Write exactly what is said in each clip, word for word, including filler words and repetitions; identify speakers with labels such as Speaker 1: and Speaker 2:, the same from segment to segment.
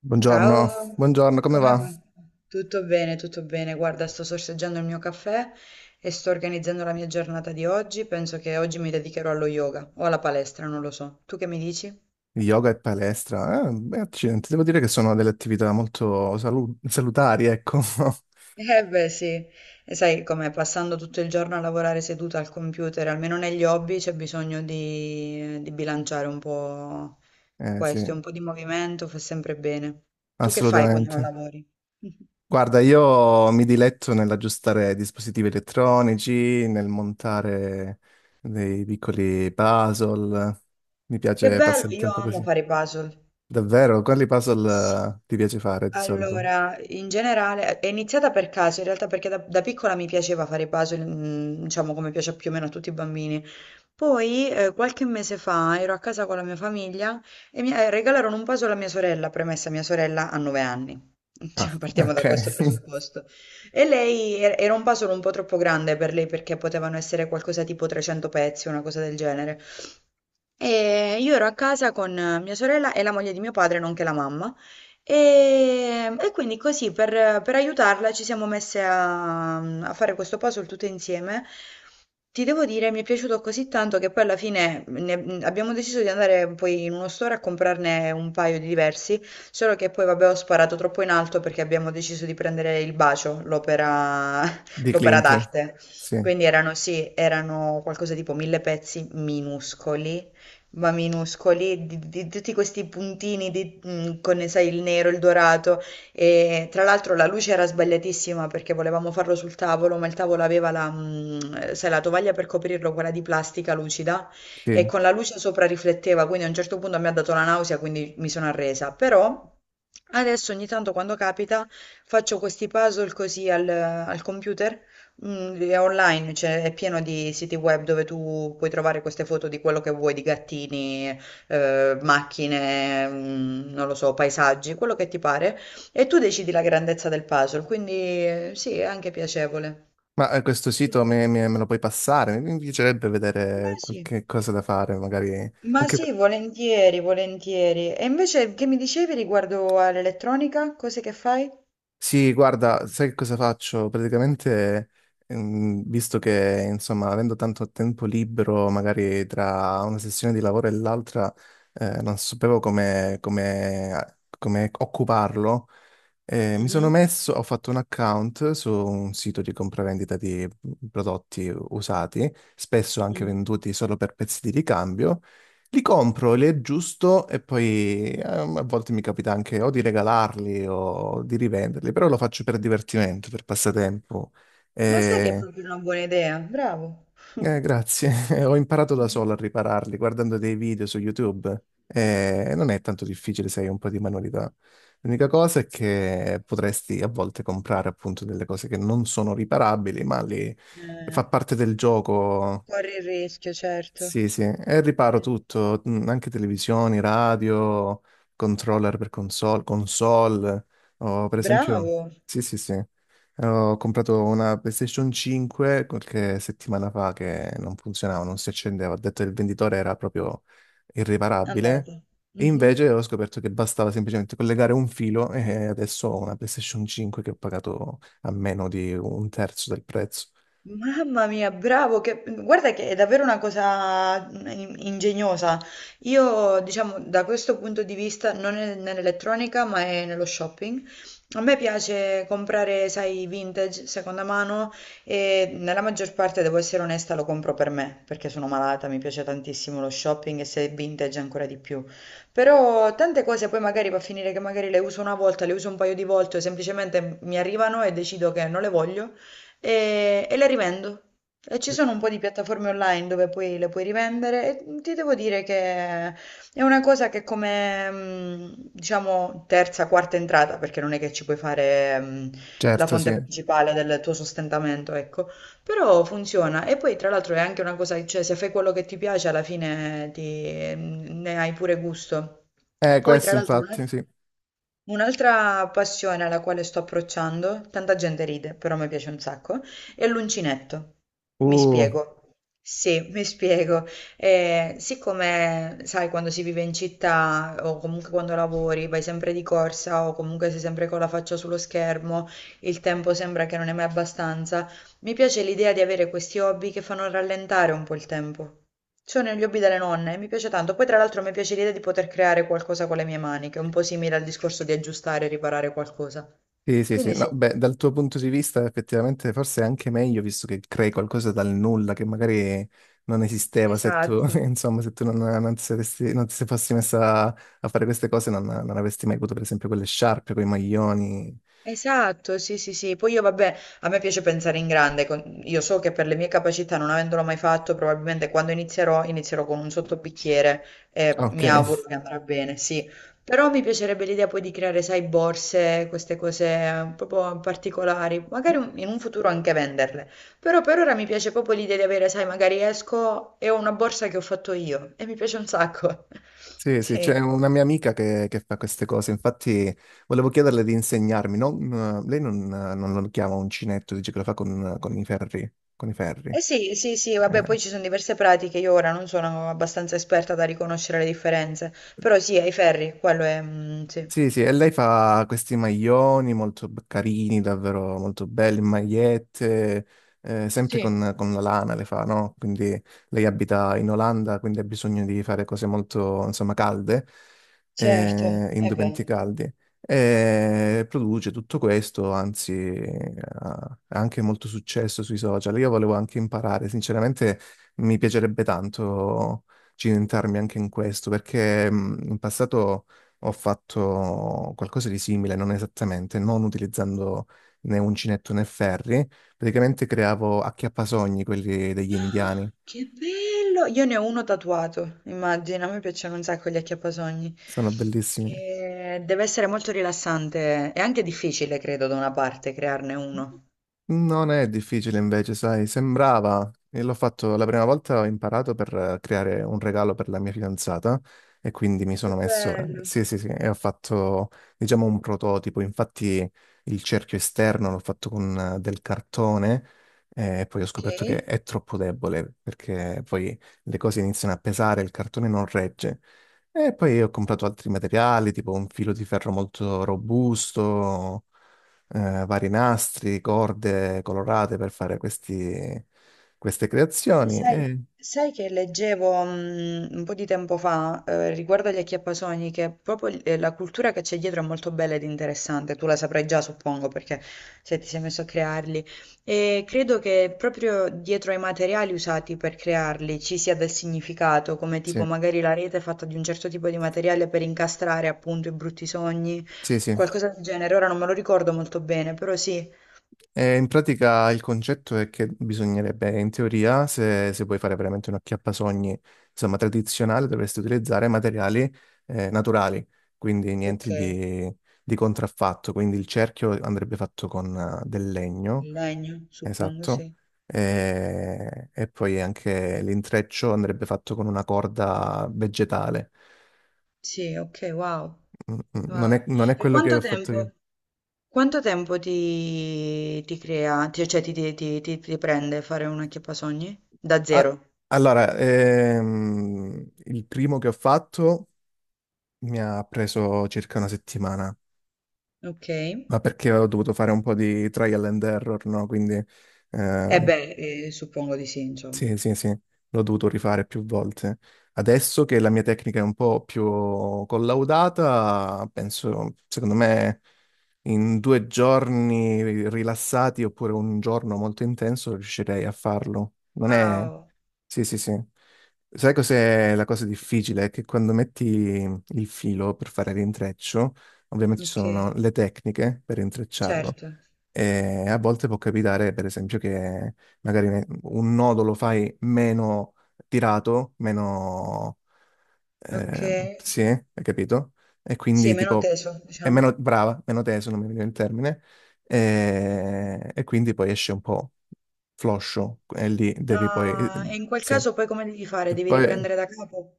Speaker 1: Buongiorno,
Speaker 2: Ciao,
Speaker 1: buongiorno, come
Speaker 2: come
Speaker 1: va?
Speaker 2: va? Tutto bene, tutto bene. Guarda, sto sorseggiando il mio caffè e sto organizzando la mia giornata di oggi. Penso che oggi mi dedicherò allo yoga o alla palestra, non lo so. Tu che mi dici?
Speaker 1: Yoga e palestra? Eh, beh, accidenti, devo dire che sono delle attività molto salu- salutari, ecco.
Speaker 2: Eh beh sì, e sai come passando tutto il giorno a lavorare seduta al computer, almeno negli hobby c'è bisogno di, di bilanciare un po'
Speaker 1: Eh sì,
Speaker 2: questo, un po' di movimento fa sempre bene. Tu che fai quando non
Speaker 1: assolutamente.
Speaker 2: lavori?
Speaker 1: Guarda, io mi diletto nell'aggiustare dispositivi elettronici, nel montare dei piccoli puzzle. Mi
Speaker 2: Che
Speaker 1: piace
Speaker 2: bello,
Speaker 1: passare il
Speaker 2: io
Speaker 1: tempo
Speaker 2: amo
Speaker 1: così.
Speaker 2: fare i puzzle.
Speaker 1: Davvero? Quali
Speaker 2: Sì.
Speaker 1: puzzle eh, ti piace fare di solito?
Speaker 2: Allora, in generale, è iniziata per caso, in realtà perché da, da piccola mi piaceva fare i puzzle, mm, diciamo come piace più o meno a tutti i bambini. Poi, eh, qualche mese fa, ero a casa con la mia famiglia e mi eh, regalarono un puzzle a mia sorella, premessa mia sorella ha nove anni.
Speaker 1: Ah,
Speaker 2: Cioè, partiamo
Speaker 1: ok.
Speaker 2: da questo presupposto. E lei er- era un puzzle un po' troppo grande per lei perché potevano essere qualcosa tipo trecento pezzi, una cosa del genere. E io ero a casa con eh, mia sorella e la moglie di mio padre, nonché la mamma. E, e quindi così per, per aiutarla ci siamo messe a, a fare questo puzzle tutte insieme. Ti devo dire, mi è piaciuto così tanto che poi alla fine ne- abbiamo deciso di andare poi in uno store a comprarne un paio di diversi, solo che poi vabbè ho sparato troppo in alto perché abbiamo deciso di prendere il bacio, l'opera
Speaker 1: Di
Speaker 2: l'opera
Speaker 1: Clint.
Speaker 2: d'arte.
Speaker 1: Sì,
Speaker 2: Quindi erano sì, erano qualcosa tipo mille pezzi minuscoli ma minuscoli, di, di tutti questi puntini di- mh, con, sai, il nero, il dorato. E tra l'altro la luce era sbagliatissima perché volevamo farlo sul tavolo, ma il tavolo aveva la, mh, sai, la tovaglia per coprirlo, quella di plastica lucida, e
Speaker 1: sì.
Speaker 2: con la luce sopra rifletteva, quindi a un certo punto mi ha dato la nausea, quindi mi sono arresa. Però adesso ogni tanto quando capita faccio questi puzzle così al, al computer, mm, è online, cioè è pieno di siti web dove tu puoi trovare queste foto di quello che vuoi, di gattini, eh, macchine, mm, non lo so, paesaggi, quello che ti pare, e tu decidi la grandezza del puzzle, quindi eh, sì, è anche piacevole.
Speaker 1: Ma eh, questo
Speaker 2: Sì.
Speaker 1: sito me, me- me lo puoi passare? Mi piacerebbe
Speaker 2: Ma
Speaker 1: vedere
Speaker 2: sì,
Speaker 1: qualche cosa da fare, magari.
Speaker 2: ma
Speaker 1: Anche... per-
Speaker 2: sì, volentieri, volentieri. E invece che mi dicevi riguardo all'elettronica, cose che fai?
Speaker 1: Sì, guarda, sai che cosa faccio? Praticamente, ehm, visto che, insomma, avendo tanto tempo libero, magari tra una sessione di lavoro e l'altra, eh, non sapevo come, come, come occuparlo. Eh, mi sono
Speaker 2: Mhm,
Speaker 1: messo, ho fatto un account su un sito di compravendita di prodotti usati, spesso anche
Speaker 2: mhm.
Speaker 1: venduti solo per pezzi di ricambio. Li compro, li aggiusto e poi ehm, a volte mi capita anche o di regalarli o di rivenderli, però lo faccio per divertimento, per passatempo.
Speaker 2: Ma sai che è
Speaker 1: Eh,
Speaker 2: proprio una buona idea? Bravo.
Speaker 1: eh, grazie. Ho imparato da
Speaker 2: Mhm.
Speaker 1: solo a ripararli guardando dei video su YouTube. Eh, non è tanto difficile se hai un po' di manualità. L'unica cosa è che potresti a volte comprare appunto delle cose che non sono riparabili, ma lì
Speaker 2: Eh,
Speaker 1: fa parte del gioco.
Speaker 2: corri il rischio, certo.
Speaker 1: Sì, sì, e riparo
Speaker 2: Sì.
Speaker 1: tutto, mm, anche televisioni, radio, controller per console, console. Ho, per esempio,
Speaker 2: Bravo.
Speaker 1: sì, sì, sì, ho comprato una PlayStation cinque qualche settimana fa che non funzionava, non si accendeva. Ho detto che il venditore era proprio irriparabile
Speaker 2: Andato.
Speaker 1: e
Speaker 2: Mhm.
Speaker 1: invece ho scoperto che bastava semplicemente collegare un filo e adesso ho una PlayStation cinque che ho pagato a meno di un terzo del prezzo.
Speaker 2: Mamma mia, bravo, che- guarda che è davvero una cosa in- ingegnosa. Io, diciamo, da questo punto di vista, non è nell'elettronica, ma è nello shopping. A me piace comprare, sai, vintage, seconda mano e nella maggior parte, devo essere onesta, lo compro per me, perché sono malata, mi piace tantissimo lo shopping e se è vintage ancora di più. Però tante cose poi magari va a finire che magari le uso una volta, le uso un paio di volte, o semplicemente mi arrivano e decido che non le voglio e, e le rivendo. E ci sono un po' di piattaforme online dove poi le puoi rivendere e ti devo dire che è una cosa che come, mh, diciamo, terza, quarta entrata, perché non è che ci puoi fare, mh, la
Speaker 1: Certo, sì.
Speaker 2: fonte principale del tuo sostentamento, ecco, però funziona. E poi tra l'altro è anche una cosa, cioè se fai quello che ti piace alla fine ti- mm, ne hai pure gusto.
Speaker 1: Eh,
Speaker 2: Poi
Speaker 1: questo
Speaker 2: tra l'altro... un
Speaker 1: infatti,
Speaker 2: altro-
Speaker 1: sì.
Speaker 2: Un'altra passione alla quale sto approcciando, tanta gente ride, però mi piace un sacco, è l'uncinetto. Mi
Speaker 1: Uh,
Speaker 2: spiego. Sì, mi spiego. Eh, siccome, sai, quando si vive in città o comunque quando lavori, vai sempre di corsa o comunque sei sempre con la faccia sullo schermo, il tempo sembra che non è mai abbastanza, mi piace l'idea di avere questi hobby che fanno rallentare un po' il tempo. C'ho negli hobby delle nonne, mi piace tanto. Poi tra l'altro mi piace l'idea di poter creare qualcosa con le mie mani, che è un po' simile al discorso di aggiustare e riparare qualcosa.
Speaker 1: sì, sì, sì,
Speaker 2: Quindi
Speaker 1: no,
Speaker 2: sì,
Speaker 1: beh, dal tuo punto di vista effettivamente forse è anche meglio visto che crei qualcosa dal nulla che magari non esisteva se tu,
Speaker 2: esatto.
Speaker 1: insomma, se tu non, non ti saresti, non ti se fossi messa a, a fare queste cose non, non avresti mai avuto per esempio quelle sciarpe, quei maglioni.
Speaker 2: Esatto, sì, sì, sì. Poi io, vabbè, a me piace pensare in grande. con- Io so che per le mie capacità, non avendolo mai fatto, probabilmente quando inizierò, inizierò con un sottobicchiere e
Speaker 1: Ok,
Speaker 2: mi auguro che andrà bene, sì. Però mi piacerebbe l'idea poi di creare, sai, borse, queste cose eh, proprio particolari, magari un- in un futuro anche venderle. Però per ora mi piace proprio l'idea di avere, sai, magari esco e ho una borsa che ho fatto io e mi piace un sacco.
Speaker 1: sì, sì, c'è
Speaker 2: Sì.
Speaker 1: una mia amica che, che fa queste cose, infatti volevo chiederle di insegnarmi, non- lei non, non lo chiama uncinetto, dice che lo fa con, con i ferri, con i ferri.
Speaker 2: Eh sì, sì, sì, vabbè,
Speaker 1: Eh.
Speaker 2: poi ci sono diverse pratiche, io ora non sono abbastanza esperta da riconoscere le differenze, però sì, ai ferri, quello è... mm, sì.
Speaker 1: Sì, sì, e lei fa questi maglioni molto b- carini, davvero molto belli, magliette, eh, sempre
Speaker 2: Sì.
Speaker 1: con, con la lana le fa, no? Quindi lei abita in Olanda, quindi ha bisogno di fare cose molto, insomma, calde,
Speaker 2: Certo,
Speaker 1: eh,
Speaker 2: è
Speaker 1: indumenti
Speaker 2: bello.
Speaker 1: caldi. E produce tutto questo, anzi, eh, ha anche molto successo sui social. Io volevo anche imparare, sinceramente mi piacerebbe tanto cimentarmi anche in questo, perché mh, in passato... Ho fatto qualcosa di simile, non esattamente, non utilizzando né uncinetto né ferri. Praticamente creavo acchiappasogni, quelli degli indiani.
Speaker 2: Ah, che bello! Io ne ho uno tatuato, immagina, a me piacciono un sacco gli acchiappasogni.
Speaker 1: Sono bellissimi.
Speaker 2: E deve essere molto rilassante e anche difficile, credo, da una parte, crearne uno.
Speaker 1: Non è difficile invece, sai, sembrava, e l'ho fatto la prima volta, ho imparato per eh, creare un regalo per la mia fidanzata e quindi mi
Speaker 2: Che
Speaker 1: sono messo, eh,
Speaker 2: bello.
Speaker 1: sì, sì, sì, e ho fatto, diciamo, un prototipo, infatti il cerchio esterno l'ho fatto con eh, del cartone eh, e poi ho
Speaker 2: Ok.
Speaker 1: scoperto che è troppo debole perché poi le cose iniziano a pesare, il cartone non regge. E poi ho comprato altri materiali, tipo un filo di ferro molto robusto eh, vari nastri, corde colorate per fare questi- queste
Speaker 2: Poi
Speaker 1: creazioni.
Speaker 2: sai,
Speaker 1: E,
Speaker 2: sai che leggevo mm, un po' di tempo fa eh, riguardo agli acchiappasogni che proprio il- eh, la cultura che c'è dietro è molto bella ed interessante, tu la saprai già suppongo perché se ti sei messo a crearli e credo che proprio dietro ai materiali usati per crearli ci sia del significato, come
Speaker 1: sì,
Speaker 2: tipo magari la rete è fatta di un certo tipo di materiale per incastrare appunto i brutti sogni,
Speaker 1: sì, sì.
Speaker 2: qualcosa del genere, ora non me lo ricordo molto bene, però sì,
Speaker 1: E in pratica il concetto è che bisognerebbe, in teoria, se, se vuoi fare veramente un acchiappasogni, insomma, tradizionale, dovresti utilizzare materiali eh, naturali, quindi
Speaker 2: ok,
Speaker 1: niente di, di contraffatto. Quindi il cerchio andrebbe fatto con eh, del legno.
Speaker 2: il legno suppongo
Speaker 1: Esatto.
Speaker 2: sì.
Speaker 1: E, e poi anche l'intreccio andrebbe fatto con una corda vegetale.
Speaker 2: Sì, ok, wow.
Speaker 1: Mm, mm, Non
Speaker 2: Ah.
Speaker 1: è, non è
Speaker 2: E
Speaker 1: quello che
Speaker 2: quanto
Speaker 1: ho fatto io.
Speaker 2: tempo, quanto tempo ti, ti crea, ti- cioè ti, ti, ti, ti- ti prende fare una acchiappasogni? Da
Speaker 1: Ah,
Speaker 2: zero.
Speaker 1: allora, ehm, il primo che ho fatto mi ha preso circa una settimana,
Speaker 2: Ok. E
Speaker 1: ma perché ho dovuto fare un po' di trial and error, no? Quindi ehm,
Speaker 2: beh, eh, suppongo di sì,
Speaker 1: sì,
Speaker 2: insomma.
Speaker 1: sì, sì, l'ho dovuto rifare più volte. Adesso che la mia tecnica è un po' più collaudata, penso, secondo me, in due giorni rilassati oppure un giorno molto intenso riuscirei a farlo. Non è...
Speaker 2: Wow,
Speaker 1: Sì, sì, sì. Sai cos'è la cosa difficile? È che quando metti il filo per fare l'intreccio, ovviamente ci
Speaker 2: ok,
Speaker 1: sono le tecniche per intrecciarlo,
Speaker 2: certo.
Speaker 1: e a volte può capitare, per esempio, che magari ne- un nodo lo fai meno tirato, meno...
Speaker 2: Ok.
Speaker 1: ehm, sì, hai capito? E
Speaker 2: Sì,
Speaker 1: quindi
Speaker 2: meno
Speaker 1: tipo
Speaker 2: teso,
Speaker 1: è
Speaker 2: diciamo.
Speaker 1: meno brava, meno teso, non mi viene il termine, e, e quindi poi esce un po' floscio, e lì devi poi...
Speaker 2: Ah, e in quel
Speaker 1: Sì,
Speaker 2: caso poi come devi fare?
Speaker 1: e
Speaker 2: Devi
Speaker 1: poi...
Speaker 2: riprendere da capo?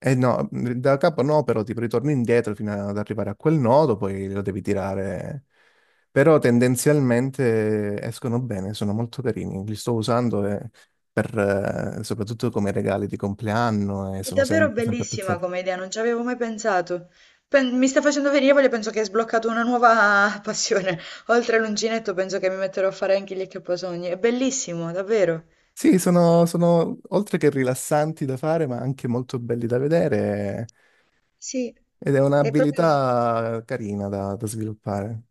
Speaker 1: Eh no, da capo no, però tipo ritorni indietro fino ad arrivare a quel nodo, poi lo devi tirare. Però tendenzialmente escono bene, sono molto carini. Li sto usando eh, per, eh, soprattutto come regali di compleanno e
Speaker 2: È
Speaker 1: sono sem-
Speaker 2: davvero
Speaker 1: sempre
Speaker 2: bellissima
Speaker 1: apprezzati.
Speaker 2: come idea, non ci avevo mai pensato. Pen- mi sta facendo venire voglia, penso che hai sbloccato una nuova passione. Oltre all'uncinetto, penso che mi metterò a fare anche gli accaposogni. È bellissimo, davvero.
Speaker 1: Sì, sono, sono oltre che rilassanti da fare, ma anche molto belli da vedere
Speaker 2: Sì,
Speaker 1: ed è
Speaker 2: è proprio...
Speaker 1: un'abilità carina da, da sviluppare.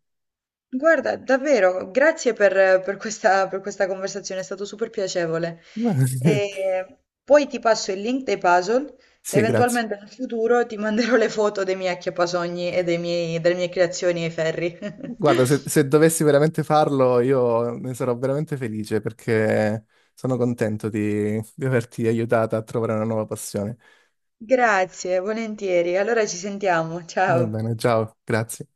Speaker 2: Guarda, davvero, grazie per, per questa, per questa conversazione, è stato super piacevole. E poi ti passo il link dei puzzle.
Speaker 1: Sì, grazie.
Speaker 2: Eventualmente nel futuro ti manderò le foto dei miei acchiappasogni e dei miei- delle mie creazioni ai ferri.
Speaker 1: Guarda, se, se dovessi veramente farlo, io ne sarò veramente felice perché sono contento di, di averti aiutata a trovare una nuova passione.
Speaker 2: Grazie, volentieri. Allora ci sentiamo.
Speaker 1: Va
Speaker 2: Ciao.
Speaker 1: bene, ciao, grazie.